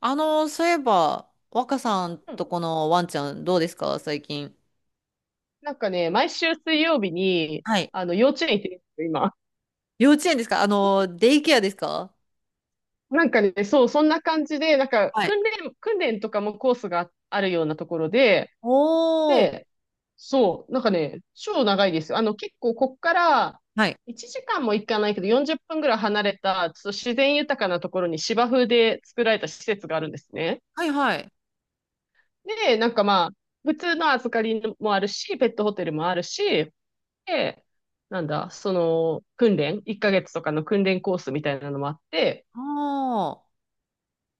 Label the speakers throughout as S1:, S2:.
S1: そういえば、若さん
S2: うん。
S1: とこのワンちゃんどうですか最近？
S2: なんかね、毎週水曜日に、
S1: はい。
S2: 幼稚園行ってるんですよ、今。
S1: 幼稚園ですかデイケアですか？
S2: なんかね、そう、そんな感じで、なんか、
S1: はい。
S2: 訓練とかもコースがあるようなところで、
S1: おー。
S2: で、そう、なんかね、超長いですよ。結構、こっから、
S1: はい。
S2: 1時間も行かないけど、40分ぐらい離れた、ちょっと自然豊かなところに芝生で作られた施設があるんですね。
S1: はいはい。
S2: で、なんかまあ、普通の預かりもあるし、ペットホテルもあるし、で、なんだ、その、訓練、1ヶ月とかの訓練コースみたいなのもあって、
S1: あ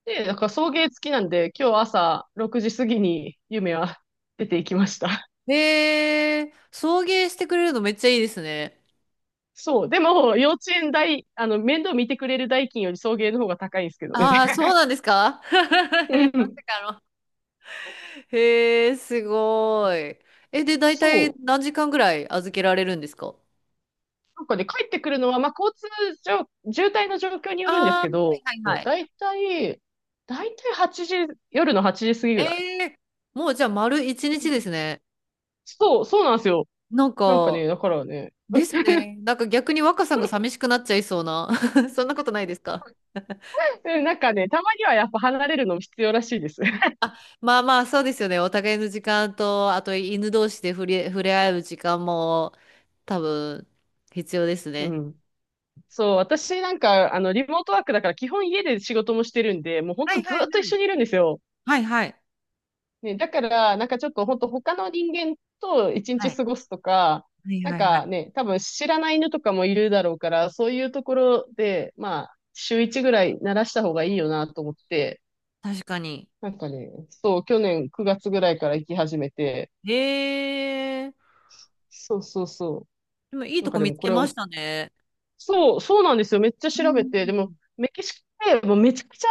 S2: で、だから送迎付きなんで、今日朝6時過ぎに夢は出ていきました。
S1: ー。へえ、送迎してくれるのめっちゃいいですね。
S2: そう、でも、幼稚園代、面倒見てくれる代金より送迎の方が高いんですけどね。
S1: ああ、そうなんですか？
S2: う
S1: ま
S2: ん。
S1: さかの。へえ、すごい。え、で、大体
S2: そう。
S1: 何時間ぐらい預けられるんですか？
S2: なんかね、帰ってくるのは、まあ、交通状、渋滞の状況によるんです
S1: ああー、
S2: け
S1: は
S2: ど、
S1: いはいはい。
S2: だいたい、だいたい8時、夜の8時過ぎぐらい。
S1: ええ、もうじゃあ丸一日ですね。
S2: そう、そうなんですよ。
S1: なん
S2: なんか
S1: か、
S2: ね、だからね、
S1: ですね。なんか逆に若さんが寂しくなっちゃいそうな。そんなことないですか？
S2: うん、なんかね、たまにはやっぱ離れるのも必要らしいです。
S1: あ、まあまあ、そうですよね。お互いの時間と、あと犬同士で触れ合う時間も多分必要です
S2: う
S1: ね。
S2: ん。そう、私なんか、リモートワークだから基本家で仕事もしてるんで、もうほん
S1: は
S2: と
S1: い
S2: ず
S1: は
S2: っ
S1: い
S2: と一
S1: は
S2: 緒
S1: い。
S2: にいるんですよ。
S1: はいはい。
S2: ね、だから、なんかちょっとほんと他の人間と一
S1: は
S2: 日
S1: い
S2: 過ごすとか、
S1: はい
S2: なん
S1: はいはい。
S2: かね、多分知らない犬とかもいるだろうから、そういうところで、まあ、週一ぐらい慣らした方がいいよなと思って、
S1: 確かに。
S2: なんかね、そう、去年9月ぐらいから行き始めて、
S1: へえ。
S2: そうそうそ
S1: でもいい
S2: う。なん
S1: と
S2: か
S1: こ
S2: で
S1: 見
S2: も
S1: つ
S2: こ
S1: け
S2: れ
S1: ましたね。
S2: そう、そうなんですよ。めっちゃ
S1: う
S2: 調べて。でも、
S1: ん。
S2: メキシコってもうめちゃくちゃ、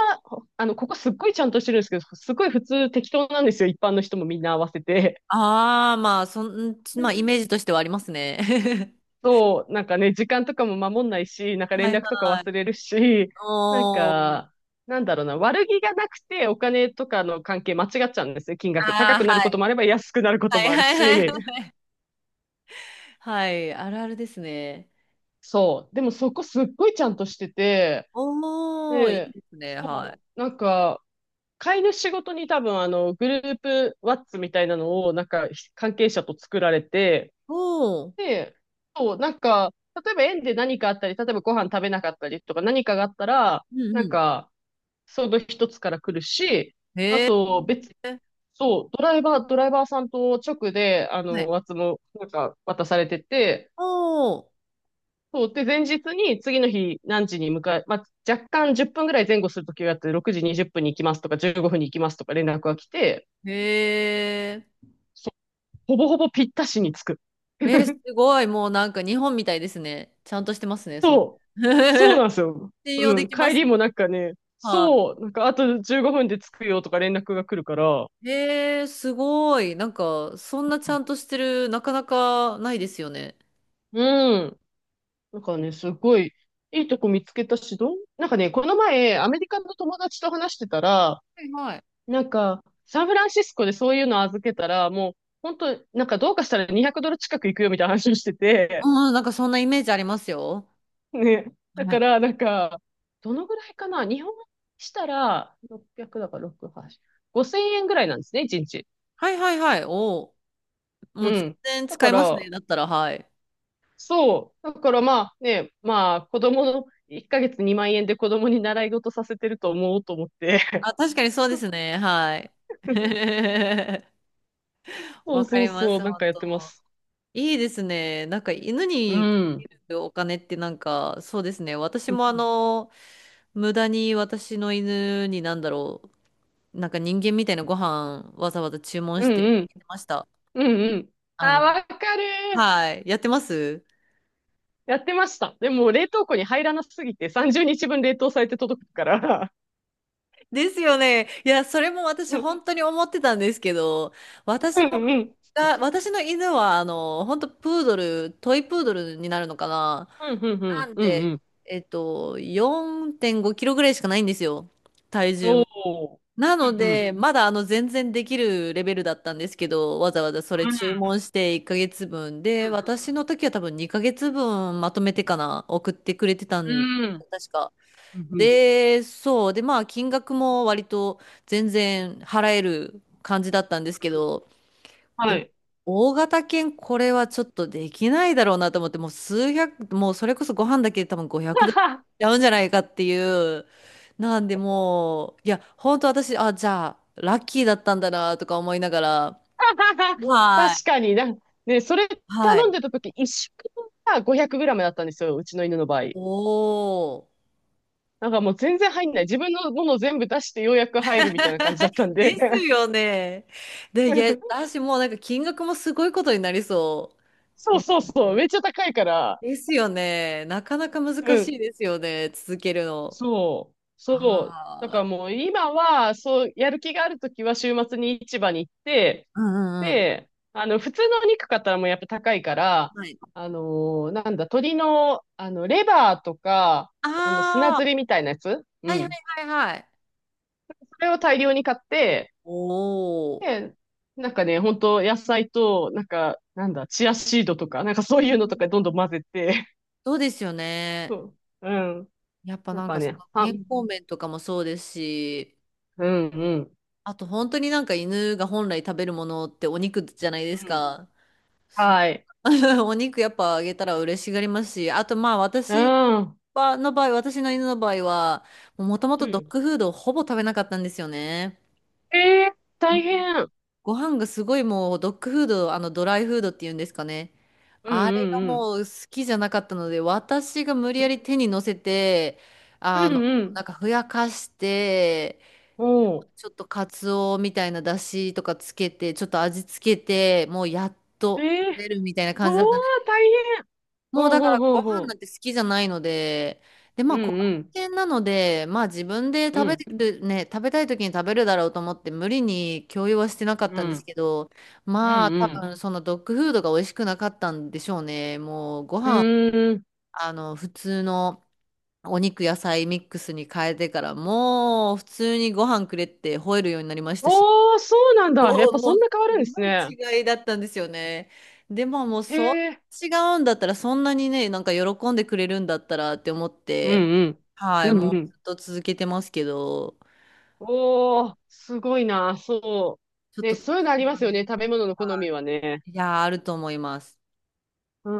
S2: ここすっごいちゃんとしてるんですけど、すごい普通適当なんですよ。一般の人もみんな合わせて。
S1: ああ、まあ、まあ、イ
S2: で、
S1: メージとしてはありますね。
S2: そう、なんかね、時間とかも守んないし、なんか連
S1: はい
S2: 絡とか
S1: はい。
S2: 忘れるし、なん
S1: おー。
S2: か、なんだろうな、悪気がなくてお金とかの関係間違っちゃうんですよ、金額。高
S1: あ
S2: く
S1: あ、
S2: なる
S1: は
S2: ことも
S1: い。
S2: あれば安くなるこ
S1: は
S2: とも
S1: い
S2: ある
S1: はいはい
S2: し。
S1: はい、あるあるですね。
S2: そう。でもそこすっごいちゃんとしてて、
S1: おー、いい
S2: で、
S1: ですね。はい。
S2: そう、なんか、飼い主ごとに多分あのグループワッツみたいなのをなんか関係者と作られて、
S1: おー、
S2: で、そう、なんか、例えば園で何かあったり、例えばご飯食べなかったりとか何かがあったら、
S1: うん
S2: なん
S1: う
S2: か、その一つから来るし、
S1: ん。
S2: あ
S1: へえ。
S2: と別、そう、ドライバーさんと直で、
S1: はい。
S2: ワッツもなんか渡されてて、
S1: おー、
S2: そう、で、前日に次の日何時に向かい、まあ、若干10分ぐらい前後するときをやって、6時20分に行きますとか、15分に行きますとか連絡が来て、
S1: へえ。
S2: そほぼほぼぴったしに着く。
S1: えー、すごい。もうなんか日本みたいですね。ちゃんとしてますね。その
S2: そう。そう なんですよ。
S1: 信用
S2: う
S1: で
S2: ん。
S1: きま
S2: 帰
S1: す
S2: り
S1: ね。
S2: もなんかね、
S1: は
S2: そう、なんかあと15分で着くよとか連絡が来るから、
S1: い。へえ、すごい。なんか、そんなちゃんとしてる、なかなかないですよね。
S2: うん。なんかね、すごい、いいとこ見つけたし、なんかね、この前、アメリカの友達と話してたら、
S1: はいはい。
S2: なんか、サンフランシスコでそういうの預けたら、もう、本当なんかどうかしたら200ドル近く行くよみたいな話をしてて、
S1: うん、なんかそんなイメージありますよ。
S2: ね。だ
S1: は
S2: か
S1: い。
S2: ら、なんか、どのぐらいかな日本円にしたら、600だから6、8、5000円ぐらいなんですね、1日。
S1: はいはいはい。おー、も
S2: う
S1: う全
S2: ん。
S1: 然
S2: だ
S1: 使
S2: か
S1: います
S2: ら、
S1: ね。だったら、はい。
S2: そう。だからまあね、まあ、子供の1ヶ月2万円で子供に習い事させてると思おうと思って。
S1: あ、確かにそうですね。はい。
S2: そ
S1: わ
S2: う
S1: か
S2: そう
S1: りま
S2: そう、
S1: す、
S2: なんか
S1: 本
S2: やってま
S1: 当。
S2: す。
S1: いいですね。なんか犬
S2: う
S1: にか
S2: ん。
S1: けるお金ってなんか、そうですね。私
S2: う
S1: も
S2: ん
S1: 無駄に私の犬になんだろう、なんか人間みたいなご飯わざわざ注文
S2: う
S1: してあ
S2: ん。
S1: げてました。
S2: うんうん。
S1: あ
S2: あー、
S1: の、
S2: わかる。
S1: はい。やってます
S2: やってました。でも、冷凍庫に入らなすぎて、30日分冷凍されて届くから。
S1: ですよね。いや、それも私本 当に思ってたんですけど、私
S2: う
S1: も
S2: んうん。
S1: が、私の犬は本当プードル、トイプードルになるのかな、
S2: うん、うん、う
S1: な
S2: ん、
S1: ん
S2: うん、う
S1: で、
S2: ん。
S1: 4.5キロぐらいしかないんですよ。体重も。
S2: おー。
S1: な
S2: う
S1: の
S2: ん、うん、
S1: で、まだ全然できるレベルだったんですけど、わざわざそれ注文して1ヶ月分で、私の時は多分2ヶ月分まとめてかな、送ってくれてた
S2: う
S1: ん
S2: ん、うん、うん、
S1: 確か。
S2: うん。うん。
S1: で、そう。で、まあ金額も割と全然払える感じだったんですけど、い
S2: は
S1: や、
S2: い。
S1: 大型犬、これはちょっとできないだろうなと思って、もう数百、もうそれこそご飯だけで多分500ドルいっ ちゃうんじゃないかっていう。なんでもう、いや、本当私、あ、じゃあ、ラッキーだったんだなとか思いながら、は
S2: 確か
S1: い。
S2: にな、ね、それ
S1: は
S2: 頼ん
S1: い。
S2: でた時、一食分が 500g だったんですよ、うちの犬の場合。
S1: おー。
S2: なんかもう全然入んない。自分のものを全部出してようやく入るみたいな感じだ ったんで。
S1: ですよね。で、いや、私もうなんか金額もすごいことになりそう。
S2: そう
S1: 本
S2: そう
S1: 当
S2: そう、
S1: に。
S2: めっちゃ高いから。
S1: ですよね。なかなか難
S2: う
S1: し
S2: ん。
S1: いですよね。続けるの。
S2: そう、そう。だから
S1: は
S2: もう今は、そう、やる気があるときは週末に市場に行って、
S1: うんうんうん。
S2: で、普通のお肉買ったらもうやっぱ高いから、
S1: はい。
S2: あのなんだ、鶏の、レバーとか、砂
S1: ああ、
S2: ずりみたいなやつ。う
S1: はいはい
S2: ん。
S1: はいはい。
S2: それを大量に買って、
S1: おお。
S2: で、なんかね、本当野菜と、なんか、なんだ、チアシードとか、なんかそう
S1: う
S2: いうのとかどん
S1: ん、
S2: どん混ぜて、
S1: そうですよ
S2: そ
S1: ね。
S2: う、うん。
S1: やっぱ
S2: なん
S1: なん
S2: か
S1: かそ
S2: ね、
S1: の
S2: は
S1: 健
S2: ん、
S1: 康面とかもそうですし、
S2: うん、うん、
S1: あと本当になんか犬が本来食べるものってお肉じゃない
S2: う
S1: です
S2: ん。
S1: か。そう
S2: はい。
S1: お肉やっぱあげたら嬉しがりますし、あとまあ
S2: う
S1: 私
S2: ん。う
S1: はの場合、私の犬の場合は、もともとドッグ
S2: ん。
S1: フードをほぼ食べなかったんですよね。
S2: えー大変。
S1: ご飯がすごい、もうドッグフード、あのドライフードっていうんですかね。
S2: うん
S1: あ
S2: う
S1: れが
S2: んうん。
S1: もう好きじゃなかったので、私が無理やり手に乗せて、
S2: う
S1: あの、
S2: んう
S1: な
S2: ん。
S1: んかふやかして、
S2: おう。
S1: ちょっとカツオみたいな出汁とかつけて、ちょっと味つけて、もうやっ
S2: え
S1: と食べるみたいな
S2: お
S1: 感じ
S2: お
S1: だったんで
S2: ー、
S1: す。
S2: 大変。
S1: もう
S2: ほう
S1: だか
S2: ほう
S1: ら
S2: ほ
S1: ご
S2: う
S1: 飯な
S2: ほ
S1: んて好きじゃないので、で、ま
S2: う。う
S1: あ
S2: ん
S1: 小型
S2: うん。
S1: 犬なので、まあ自分で
S2: う
S1: 食べ
S2: ん
S1: る、ね、食べたい時に食べるだろうと思って無理に共有はしてなかっ
S2: う
S1: たんです
S2: ん。
S1: けど、
S2: うん
S1: まあ
S2: う
S1: 多
S2: ん。
S1: 分そのドッグフードが美味しくなかったんでしょうね。もうご
S2: う
S1: 飯、
S2: ーん。
S1: 普通のお肉野菜ミックスに変えてからもう普通にご飯くれって吠えるようになりましたし。
S2: おー、そうなんだ。や
S1: そ
S2: っぱ
S1: う、
S2: そ
S1: もう、
S2: んな変わるんですね。
S1: すごい違いだったんですよね。でももう、
S2: へ
S1: そ
S2: え。
S1: う、違うんだったら、そんなにね、なんか喜んでくれるんだったらって思っ
S2: うん
S1: て、
S2: うん。
S1: はい、
S2: う
S1: も
S2: んう
S1: うず
S2: ん。
S1: っと続けてますけど、
S2: おー、すごいな。そ
S1: ちょっ
S2: う。ね、
S1: と特
S2: そういうのあり
S1: 殊
S2: ま
S1: な
S2: す
S1: ん
S2: よ
S1: で
S2: ね。
S1: す
S2: 食
S1: け
S2: べ物の
S1: ど、
S2: 好
S1: は
S2: みはね。
S1: い。いやー、あると思います。
S2: う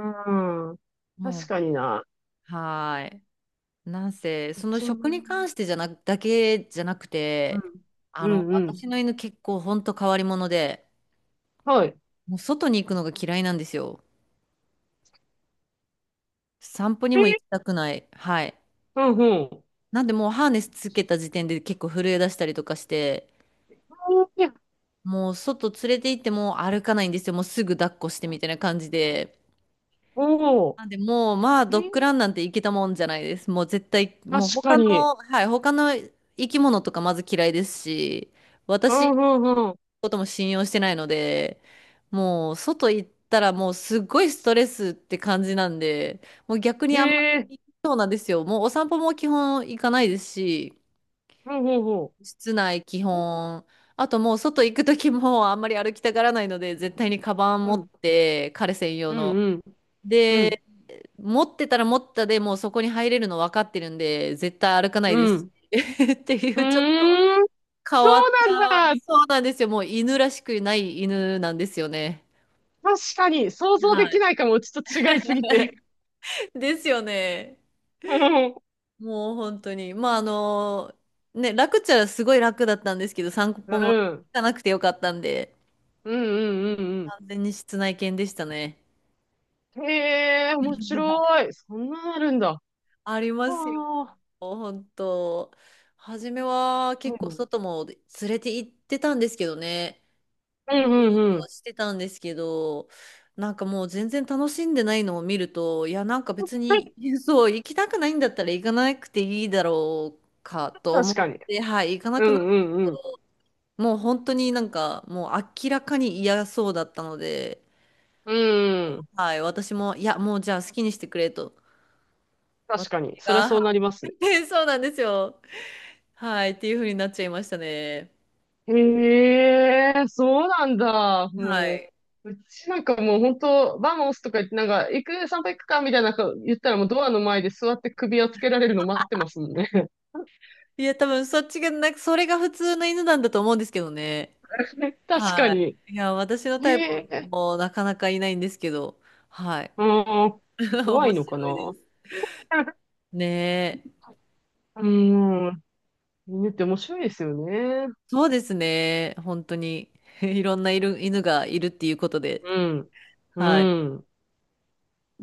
S2: ん。
S1: もう、
S2: 確かにな。
S1: はい。なんせ、
S2: う
S1: その
S2: ちも、
S1: 食に関してじゃなく、だけじゃなく
S2: う
S1: て、
S2: ん。うんう
S1: 私
S2: ん。
S1: の犬結構ほんと変わり者で、
S2: はい。
S1: もう外に行くのが嫌いなんですよ。散歩に
S2: え
S1: も行
S2: ー
S1: きたくない。はい。
S2: うんうん。
S1: なんでもうハーネスつけた時点で結構震え出したりとかして、
S2: お
S1: もう外連れて行っても歩かないんですよ。もうすぐ抱っこしてみたいな感じで。
S2: おー、
S1: なんでもうまあ
S2: え
S1: ドッグ
S2: ー
S1: ランなんて行けたもんじゃないです。もう絶対、
S2: 確
S1: もう
S2: か
S1: 他
S2: に。
S1: の、はい、他の生き物とかまず嫌いですし、
S2: う
S1: 私の
S2: んうんう
S1: ことも信用してないので、もう外行ったらもうすっごいストレスって感じなんで、もう逆
S2: ん。
S1: にあんま
S2: え
S1: り、
S2: ー
S1: そうなんですよ。もうお散歩も基本行かないですし、
S2: うんうんうん。
S1: 室内基
S2: お。
S1: 本。あともう外行く時もあんまり歩きたがらないので、絶対にカバン
S2: う
S1: 持っ
S2: ん、
S1: て、彼専用
S2: うん、
S1: の。
S2: うん、うん、
S1: で、持ってたら持ったでもうそこに入れるの分かってるんで、絶対歩かない
S2: う
S1: です。
S2: ん。
S1: って
S2: う
S1: い
S2: ー
S1: う、ちょっと
S2: ん、
S1: 変
S2: そ
S1: わっ
S2: う
S1: た、
S2: なんだ。
S1: そうなんですよ。もう犬らしくない犬なんですよね。
S2: 確かに、想像で
S1: は
S2: き
S1: い。
S2: ないかも。ちょっと違いすぎて。
S1: ですよね。
S2: うん、うん、
S1: もう本当に。まあね、楽っちゃすごい楽だったんですけど、散
S2: う
S1: 歩も行
S2: ん、
S1: かなくてよかったんで、
S2: うん、
S1: 完全に室内犬でしたね。
S2: うん。へえ、面白い。そんなのあるんだ。あ
S1: ありますよ、
S2: あ、
S1: 本当。初めは
S2: う
S1: 結構
S2: ん、
S1: 外も連れて行ってたんですけどね。
S2: うん、
S1: 見よ
S2: うん、
S1: う
S2: う
S1: と
S2: ん。
S1: はしてたんですけど、なんかもう全然楽しんでないのを見ると、いや、なんか別に、そう、行きたくないんだったら行かなくていいだろうかと思
S2: 確
S1: っ
S2: かに。
S1: て、はい、行かな
S2: う
S1: くな、
S2: ん、うん、うん。
S1: もう本当になんかもう明らかに嫌そうだったので、
S2: うん。
S1: はい、私も、いや、もうじゃあ好きにしてくれと。
S2: 確
S1: 私
S2: かに。そりゃ
S1: が、
S2: そうな
S1: は
S2: りますね。
S1: い そうなんですよ。はい、っていう風になっちゃいましたね。
S2: へえ、そうなんだ。
S1: は
S2: も
S1: い。
S2: う、うちなんかもう本当、バモスとか言って、なんか、散歩行くかみたいなこと言ったらもうドアの前で座って首をつけられるの待ってますもんね。
S1: いや、多分そっちが、なんか、それが普通の犬なんだと思うんですけどね。
S2: 確か
S1: は
S2: に。
S1: い。いや、私の
S2: へ
S1: タイプ
S2: え、
S1: もなかなかいないんですけど、はい。
S2: うん、怖
S1: 面
S2: いのか
S1: 白いで
S2: な。
S1: す。ねえ。
S2: うん、犬って面白いですよね。
S1: そうですね。本当に。いろんないる犬がいるっていうことで。
S2: うん、う
S1: はい。
S2: ん。